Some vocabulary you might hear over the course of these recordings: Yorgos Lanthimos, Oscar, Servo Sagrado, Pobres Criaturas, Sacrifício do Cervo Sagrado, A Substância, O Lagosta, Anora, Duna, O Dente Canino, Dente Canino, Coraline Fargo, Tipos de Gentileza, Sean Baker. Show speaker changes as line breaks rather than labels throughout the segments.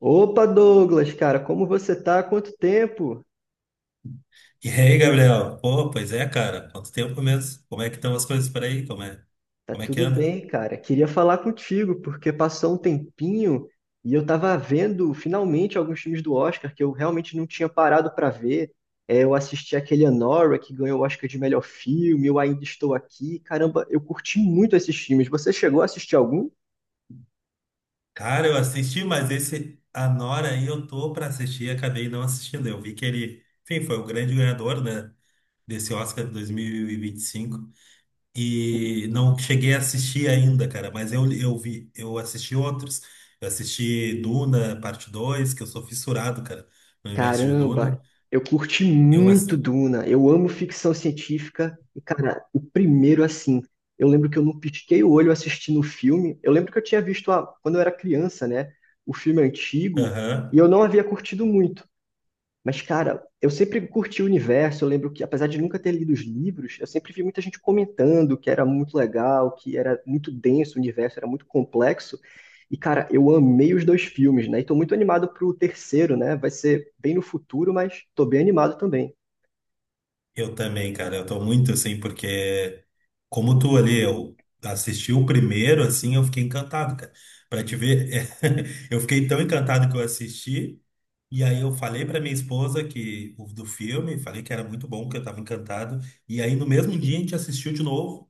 Opa, Douglas, cara, como você tá? Há Quanto tempo?
E aí, Gabriel? Pô, pois é, cara. Quanto tempo mesmo? Como é que estão as coisas por aí? Como é,
Tá
como é que
tudo
anda?
bem, cara. Queria falar contigo, porque passou um tempinho e eu tava vendo finalmente alguns filmes do Oscar que eu realmente não tinha parado pra ver. É, eu assisti aquele Anora que ganhou o Oscar de melhor filme, eu ainda estou aqui. Caramba, eu curti muito esses filmes. Você chegou a assistir algum?
Cara, eu assisti, mas esse Anora aí eu tô pra assistir e acabei não assistindo. Eu vi que ele, enfim, foi o grande ganhador, né, desse Oscar de dois mil e vinte e cinco. E não cheguei a assistir ainda, cara, mas eu vi, eu assisti outros. Eu assisti Duna, parte 2, que eu sou fissurado, cara, no universo de Duna.
Caramba, eu curti
Eu
muito
assisti.
Duna. Eu amo ficção científica. E, cara, o primeiro, assim, eu lembro que eu não pisquei o olho assistindo o filme. Eu lembro que eu tinha visto quando eu era criança, né? O filme antigo. E eu não havia curtido muito. Mas, cara, eu sempre curti o universo. Eu lembro que, apesar de nunca ter lido os livros, eu sempre vi muita gente comentando que era muito legal, que era muito denso o universo, era muito complexo. E, cara, eu amei os dois filmes, né? E tô muito animado pro terceiro, né? Vai ser bem no futuro, mas tô bem animado também.
Eu também, cara. Eu tô muito assim, porque como tu ali, eu assisti o primeiro, assim, eu fiquei encantado, cara. Pra te ver, eu fiquei tão encantado que eu assisti, e aí eu falei pra minha esposa que o do filme, falei que era muito bom, que eu tava encantado. E aí no mesmo dia a gente assistiu de novo,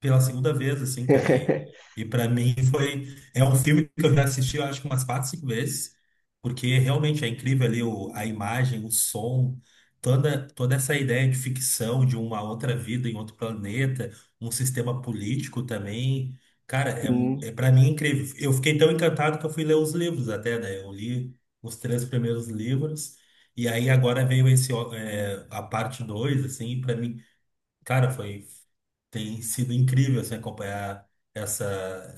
pela segunda vez, assim, cara. E, e para mim foi. É um filme que eu já assisti, eu acho que umas quatro, cinco vezes, porque realmente é incrível ali a imagem, o som toda essa ideia de ficção de uma outra vida em outro planeta, um sistema político também, cara, é para mim incrível. Eu fiquei tão encantado que eu fui ler os livros até, né? Eu li os três primeiros livros e aí agora veio esse ó, a parte 2 assim, para mim, cara, foi tem sido incrível assim, acompanhar essa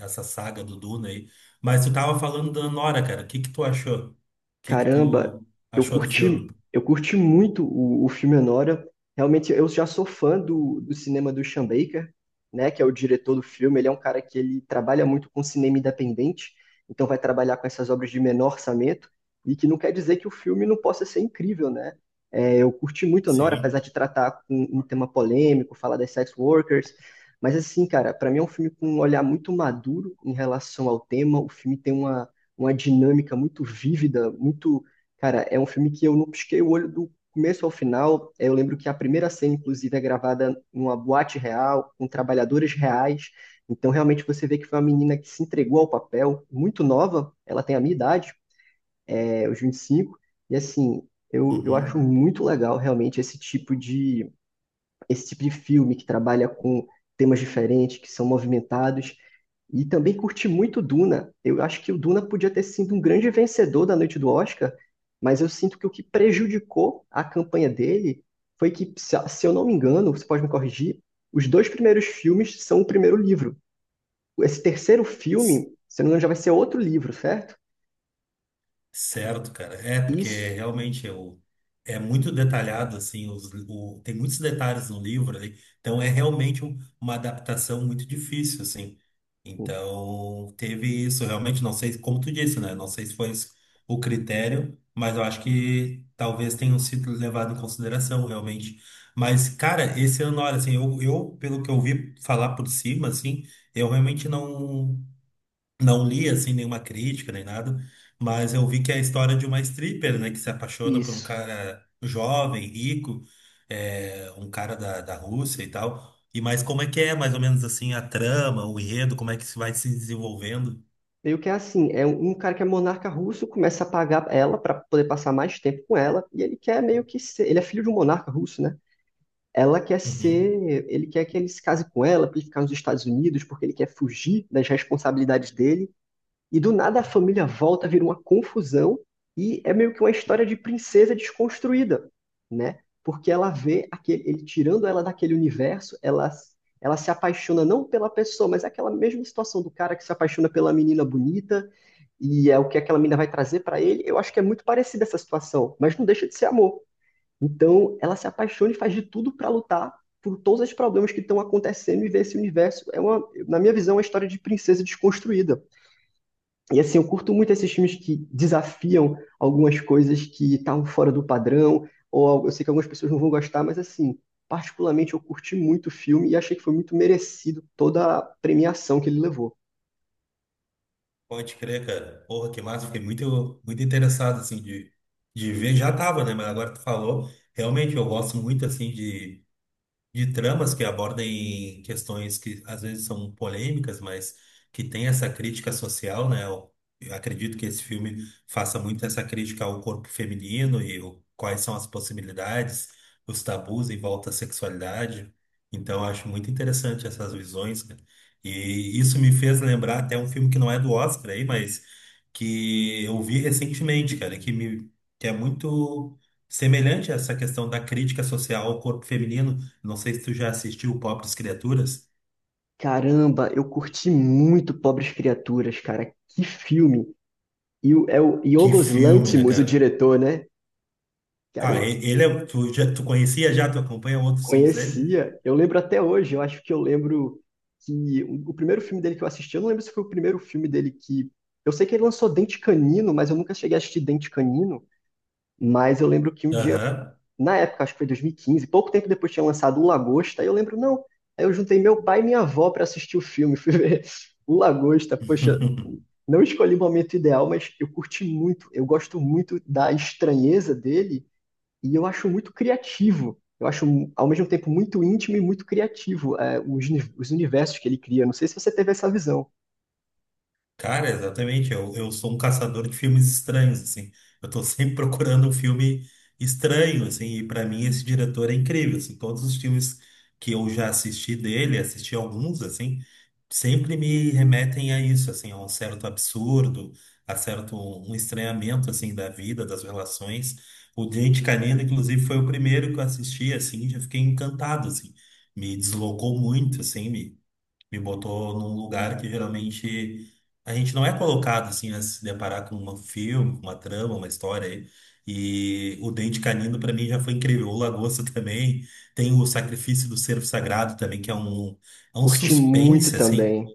essa saga do Duna aí. Mas tu tava falando da Nora, cara. O que que tu achou? O que que
Caramba,
tu achou do filme?
eu curti muito o filme Anora. Realmente, eu já sou fã do cinema do Sean Baker, né, que é o diretor do filme. Ele é um cara que ele trabalha muito com cinema independente, então vai trabalhar com essas obras de menor orçamento, e que não quer dizer que o filme não possa ser incrível, né? É, eu curti muito Anora, apesar
Sim.
de tratar com um tema polêmico, falar das sex workers. Mas assim, cara, para mim é um filme com um olhar muito maduro em relação ao tema. O filme tem uma dinâmica muito vívida, muito. Cara, é um filme que eu não pisquei o olho do começo ao final. Eu lembro que a primeira cena, inclusive, é gravada numa boate real, com trabalhadores reais. Então, realmente, você vê que foi uma menina que se entregou ao papel, muito nova, ela tem a minha idade, é, os 25 e assim, eu acho
Uhum.
muito legal, realmente, esse tipo de filme que trabalha com temas diferentes, que são movimentados. E também curti muito Duna. Eu acho que o Duna podia ter sido um grande vencedor da noite do Oscar, mas eu sinto que o que prejudicou a campanha dele foi que, se eu não me engano, você pode me corrigir, os dois primeiros filmes são o primeiro livro. Esse terceiro
C-
filme, se eu não me engano, já vai ser outro livro, certo?
Certo, cara. É, porque
Isso.
realmente é muito detalhado, assim, tem muitos detalhes no livro ali, então é realmente uma adaptação muito difícil, assim. Então, teve isso, realmente, não sei, como tu disse, né? Não sei se foi esse o critério, mas eu acho que talvez tenham sido levado em consideração, realmente. Mas, cara, esse ano, olha, assim, pelo que eu ouvi falar por cima, assim, eu realmente não. Não li assim nenhuma crítica nem nada, mas eu vi que é a história de uma stripper, né, que se apaixona por um
Isso.
cara jovem, rico, um cara da, Rússia e tal. E mas como é que é, mais ou menos assim, a trama, o enredo, como é que isso vai se desenvolvendo?
Meio que é assim, é um cara que é monarca russo, começa a pagar ela para poder passar mais tempo com ela, e ele quer meio que ser, ele é filho de um monarca russo, né? Ela quer
Uhum.
ser, ele quer que ele se case com ela para ele ficar nos Estados Unidos, porque ele quer fugir das responsabilidades dele e do nada a família volta, vira uma confusão e é meio que uma história de princesa desconstruída, né? Porque ela vê aquele, ele tirando ela daquele universo, ela se apaixona não pela pessoa, mas é aquela mesma situação do cara que se apaixona pela menina bonita e é o que aquela menina vai trazer para ele. Eu acho que é muito parecida essa situação, mas não deixa de ser amor. Então ela se apaixona e faz de tudo para lutar por todos os problemas que estão acontecendo e ver esse universo é uma, na minha visão, é uma história de princesa desconstruída. E assim, eu curto muito esses filmes que desafiam algumas coisas que estavam fora do padrão, ou eu sei que algumas pessoas não vão gostar, mas assim, particularmente eu curti muito o filme e achei que foi muito merecido toda a premiação que ele levou.
Pode crer, cara. Porra, que massa. Fiquei muito, muito interessado, assim, de ver. Já tava, né? Mas agora tu falou. Realmente, eu gosto muito, assim, de tramas que abordem questões que às vezes são polêmicas, mas que tem essa crítica social, né? Eu acredito que esse filme faça muito essa crítica ao corpo feminino e quais são as possibilidades, os tabus em volta à sexualidade. Então, eu acho muito interessante essas visões, cara. E isso me fez lembrar até um filme que não é do Oscar aí, mas que eu vi recentemente, cara, que é muito semelhante a essa questão da crítica social ao corpo feminino, não sei se tu já assistiu Pobres Criaturas.
Caramba, eu curti muito Pobres Criaturas, cara. Que filme! E é o
Que
Yorgos
filme, né,
Lanthimos, o
cara?
diretor, né?
Ah,
Caramba,
ele é. Tu conhecia já? Tu acompanha outros filmes dele?
conhecia, eu lembro até hoje, eu acho que eu lembro que o primeiro filme dele que eu assisti, eu não lembro se foi o primeiro filme dele que. Eu sei que ele lançou Dente Canino, mas eu nunca cheguei a assistir Dente Canino, mas eu lembro que um dia,
Aham.
na época, acho que foi 2015 pouco tempo depois tinha lançado O Lagosta, aí eu lembro, não, aí eu juntei meu pai e minha avó para assistir o filme, fui ver O Lagosta, poxa, não escolhi o momento ideal, mas eu curti muito, eu gosto muito da estranheza dele e eu acho muito criativo. Eu acho, ao mesmo tempo, muito íntimo e muito criativo, é, os universos que ele cria. Não sei se você teve essa visão.
Cara, exatamente. Eu sou um caçador de filmes estranhos, assim. Eu tô sempre procurando um filme estranho, assim. E pra mim esse diretor é incrível, assim. Todos os filmes que eu já assisti dele, assisti alguns, assim, sempre me remetem a isso, assim, a um certo absurdo, a certo um estranhamento, assim, da vida, das relações. O Dente Canino, inclusive, foi o primeiro que eu assisti, assim, e já fiquei encantado, assim. Me deslocou muito, assim, me botou num lugar que geralmente a gente não é colocado assim a se deparar com um filme, com uma trama, uma história aí. E o Dente Canino para mim já foi incrível. O Lagosta também tem o Sacrifício do Cervo Sagrado também, que é um
Curti muito
suspense assim.
também.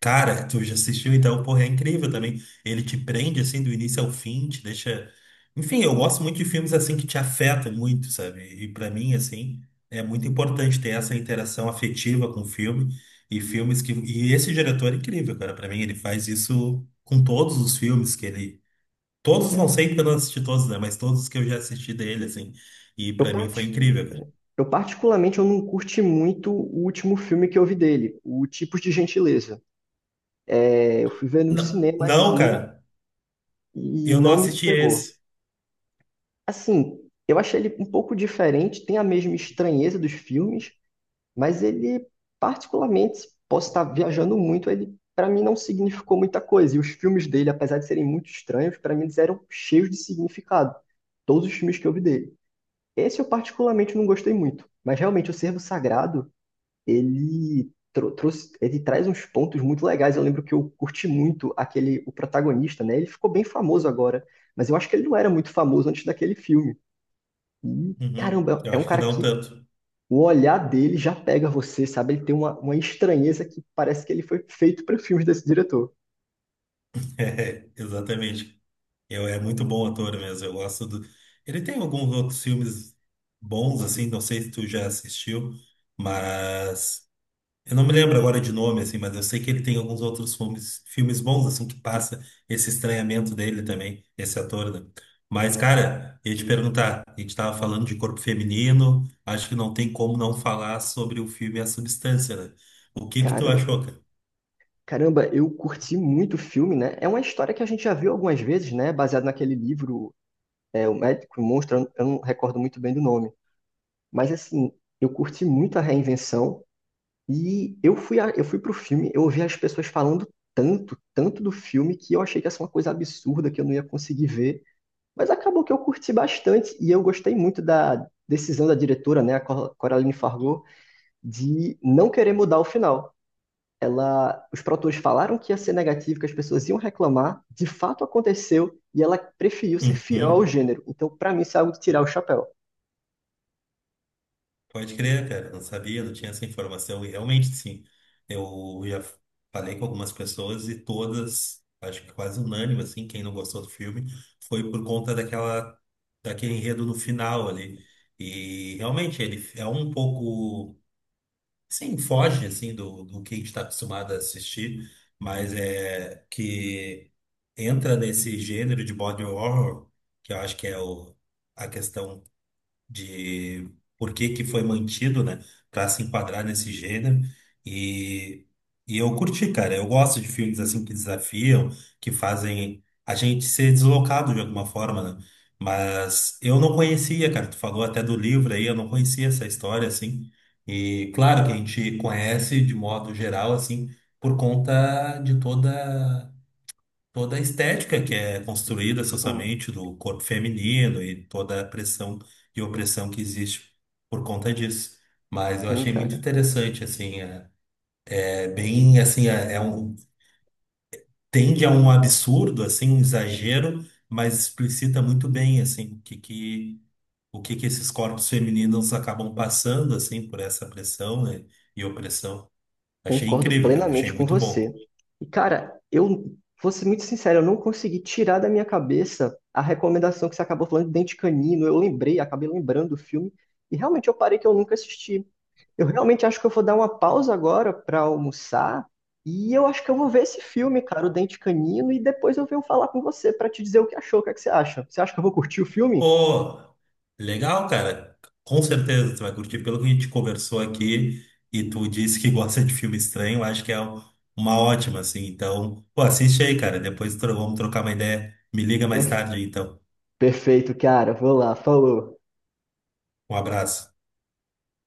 Cara, tu já assistiu, então, porra, é incrível também. Ele te prende, assim, do início ao fim, te deixa... Enfim, eu gosto muito de filmes, assim, que te afetam muito, sabe? E pra mim, assim, é muito importante ter essa interação afetiva com o filme e filmes que... E esse diretor é incrível, cara. Pra mim, ele faz isso com todos os filmes que ele... Todos,
É,
não sei porque eu não assisti todos, né? Mas todos que eu já assisti dele, assim. E
Eu,
pra mim foi
parti-
incrível, cara.
eu particularmente, eu não curti muito o último filme que eu vi dele, o Tipos de Gentileza. É, eu fui ver no
Não,
cinema,
não,
assim,
cara.
e
Eu não
não me
assisti
pegou.
esse.
Assim, eu achei ele um pouco diferente, tem a mesma estranheza dos filmes, mas ele, particularmente, posso estar viajando muito, ele para mim não significou muita coisa. E os filmes dele, apesar de serem muito estranhos, para mim eles eram cheios de significado. Todos os filmes que eu vi dele. Esse eu particularmente não gostei muito, mas realmente o Servo Sagrado, trouxe, ele traz uns pontos muito legais. Eu lembro que eu curti muito aquele o protagonista, né? Ele ficou bem famoso agora, mas eu acho que ele não era muito famoso antes daquele filme. E
Uhum.
caramba,
Eu
é um
acho que
cara
não
que
tanto.
o olhar dele já pega você, sabe? Ele tem uma estranheza que parece que ele foi feito para filmes desse diretor.
É, exatamente. É muito bom ator mesmo. Eu gosto do. Ele tem alguns outros filmes bons, assim, não sei se tu já assistiu, mas eu não me lembro agora de nome, assim, mas eu sei que ele tem alguns outros filmes bons, assim, que passa esse estranhamento dele também, esse ator, né? Mas, cara, eu ia te perguntar, a gente tava falando de corpo feminino, acho que não tem como não falar sobre o filme A Substância, né? O que que tu
Caramba.
achou, cara?
Caramba, eu curti muito o filme, né? É uma história que a gente já viu algumas vezes, né? Baseado naquele livro, é, O Médico e o Monstro, eu não recordo muito bem do nome. Mas, assim, eu curti muito a reinvenção e eu fui pro filme, eu ouvi as pessoas falando tanto do filme, que eu achei que ia ser uma coisa absurda, que eu não ia conseguir ver. Mas acabou que eu curti bastante e eu gostei muito da decisão da diretora, né, a Coraline Fargo, de não querer mudar o final. Ela, os produtores falaram que ia ser negativo, que as pessoas iam reclamar, de fato aconteceu e ela preferiu ser fiel ao
Uhum.
gênero. Então, pra mim, isso é algo de tirar o chapéu.
Pode crer, cara, eu não sabia, não tinha essa informação. E realmente, sim, eu já falei com algumas pessoas e todas, acho que quase unânime, assim, quem não gostou do filme, foi por conta daquela, daquele enredo no final ali. E realmente, ele é um pouco, sim, foge, assim, do que a gente está acostumado a assistir, mas é que entra nesse gênero de body horror, que eu acho que é a questão de por que que foi mantido, né, para se enquadrar nesse gênero. E, e eu curti, cara. Eu gosto de filmes assim que desafiam, que fazem a gente ser deslocado de alguma forma, né? Mas eu não conhecia, cara. Tu falou até do livro aí, eu não conhecia essa história assim. E claro que a gente conhece de modo geral assim por conta de toda a estética que é construída
Sim.
socialmente do corpo feminino e toda a pressão e opressão que existe por conta disso. Mas eu
Sim,
achei muito
cara.
interessante, assim, é bem, assim, tende a um absurdo, assim, um exagero, mas explicita muito bem, assim, o que que esses corpos femininos acabam passando, assim, por essa pressão, né, e opressão. Achei
Concordo
incrível, cara, achei
plenamente com
muito
você.
bom.
E, cara, eu vou ser muito sincero, eu não consegui tirar da minha cabeça a recomendação que você acabou falando de Dente Canino. Eu lembrei, acabei lembrando do filme, e realmente eu parei que eu nunca assisti. Eu realmente acho que eu vou dar uma pausa agora para almoçar, e eu acho que eu vou ver esse filme, cara, o Dente Canino, e depois eu venho falar com você para te dizer o que achou, o que é que você acha. Você acha que eu vou curtir o filme?
Pô, legal, cara. Com certeza tu vai curtir. Pelo que a gente conversou aqui e tu disse que gosta de filme estranho, acho que é uma ótima, assim. Então, pô, assiste aí, cara. Depois vamos trocar uma ideia. Me liga mais tarde, aí, então.
Perfeito, cara, vou lá, falou.
Um abraço.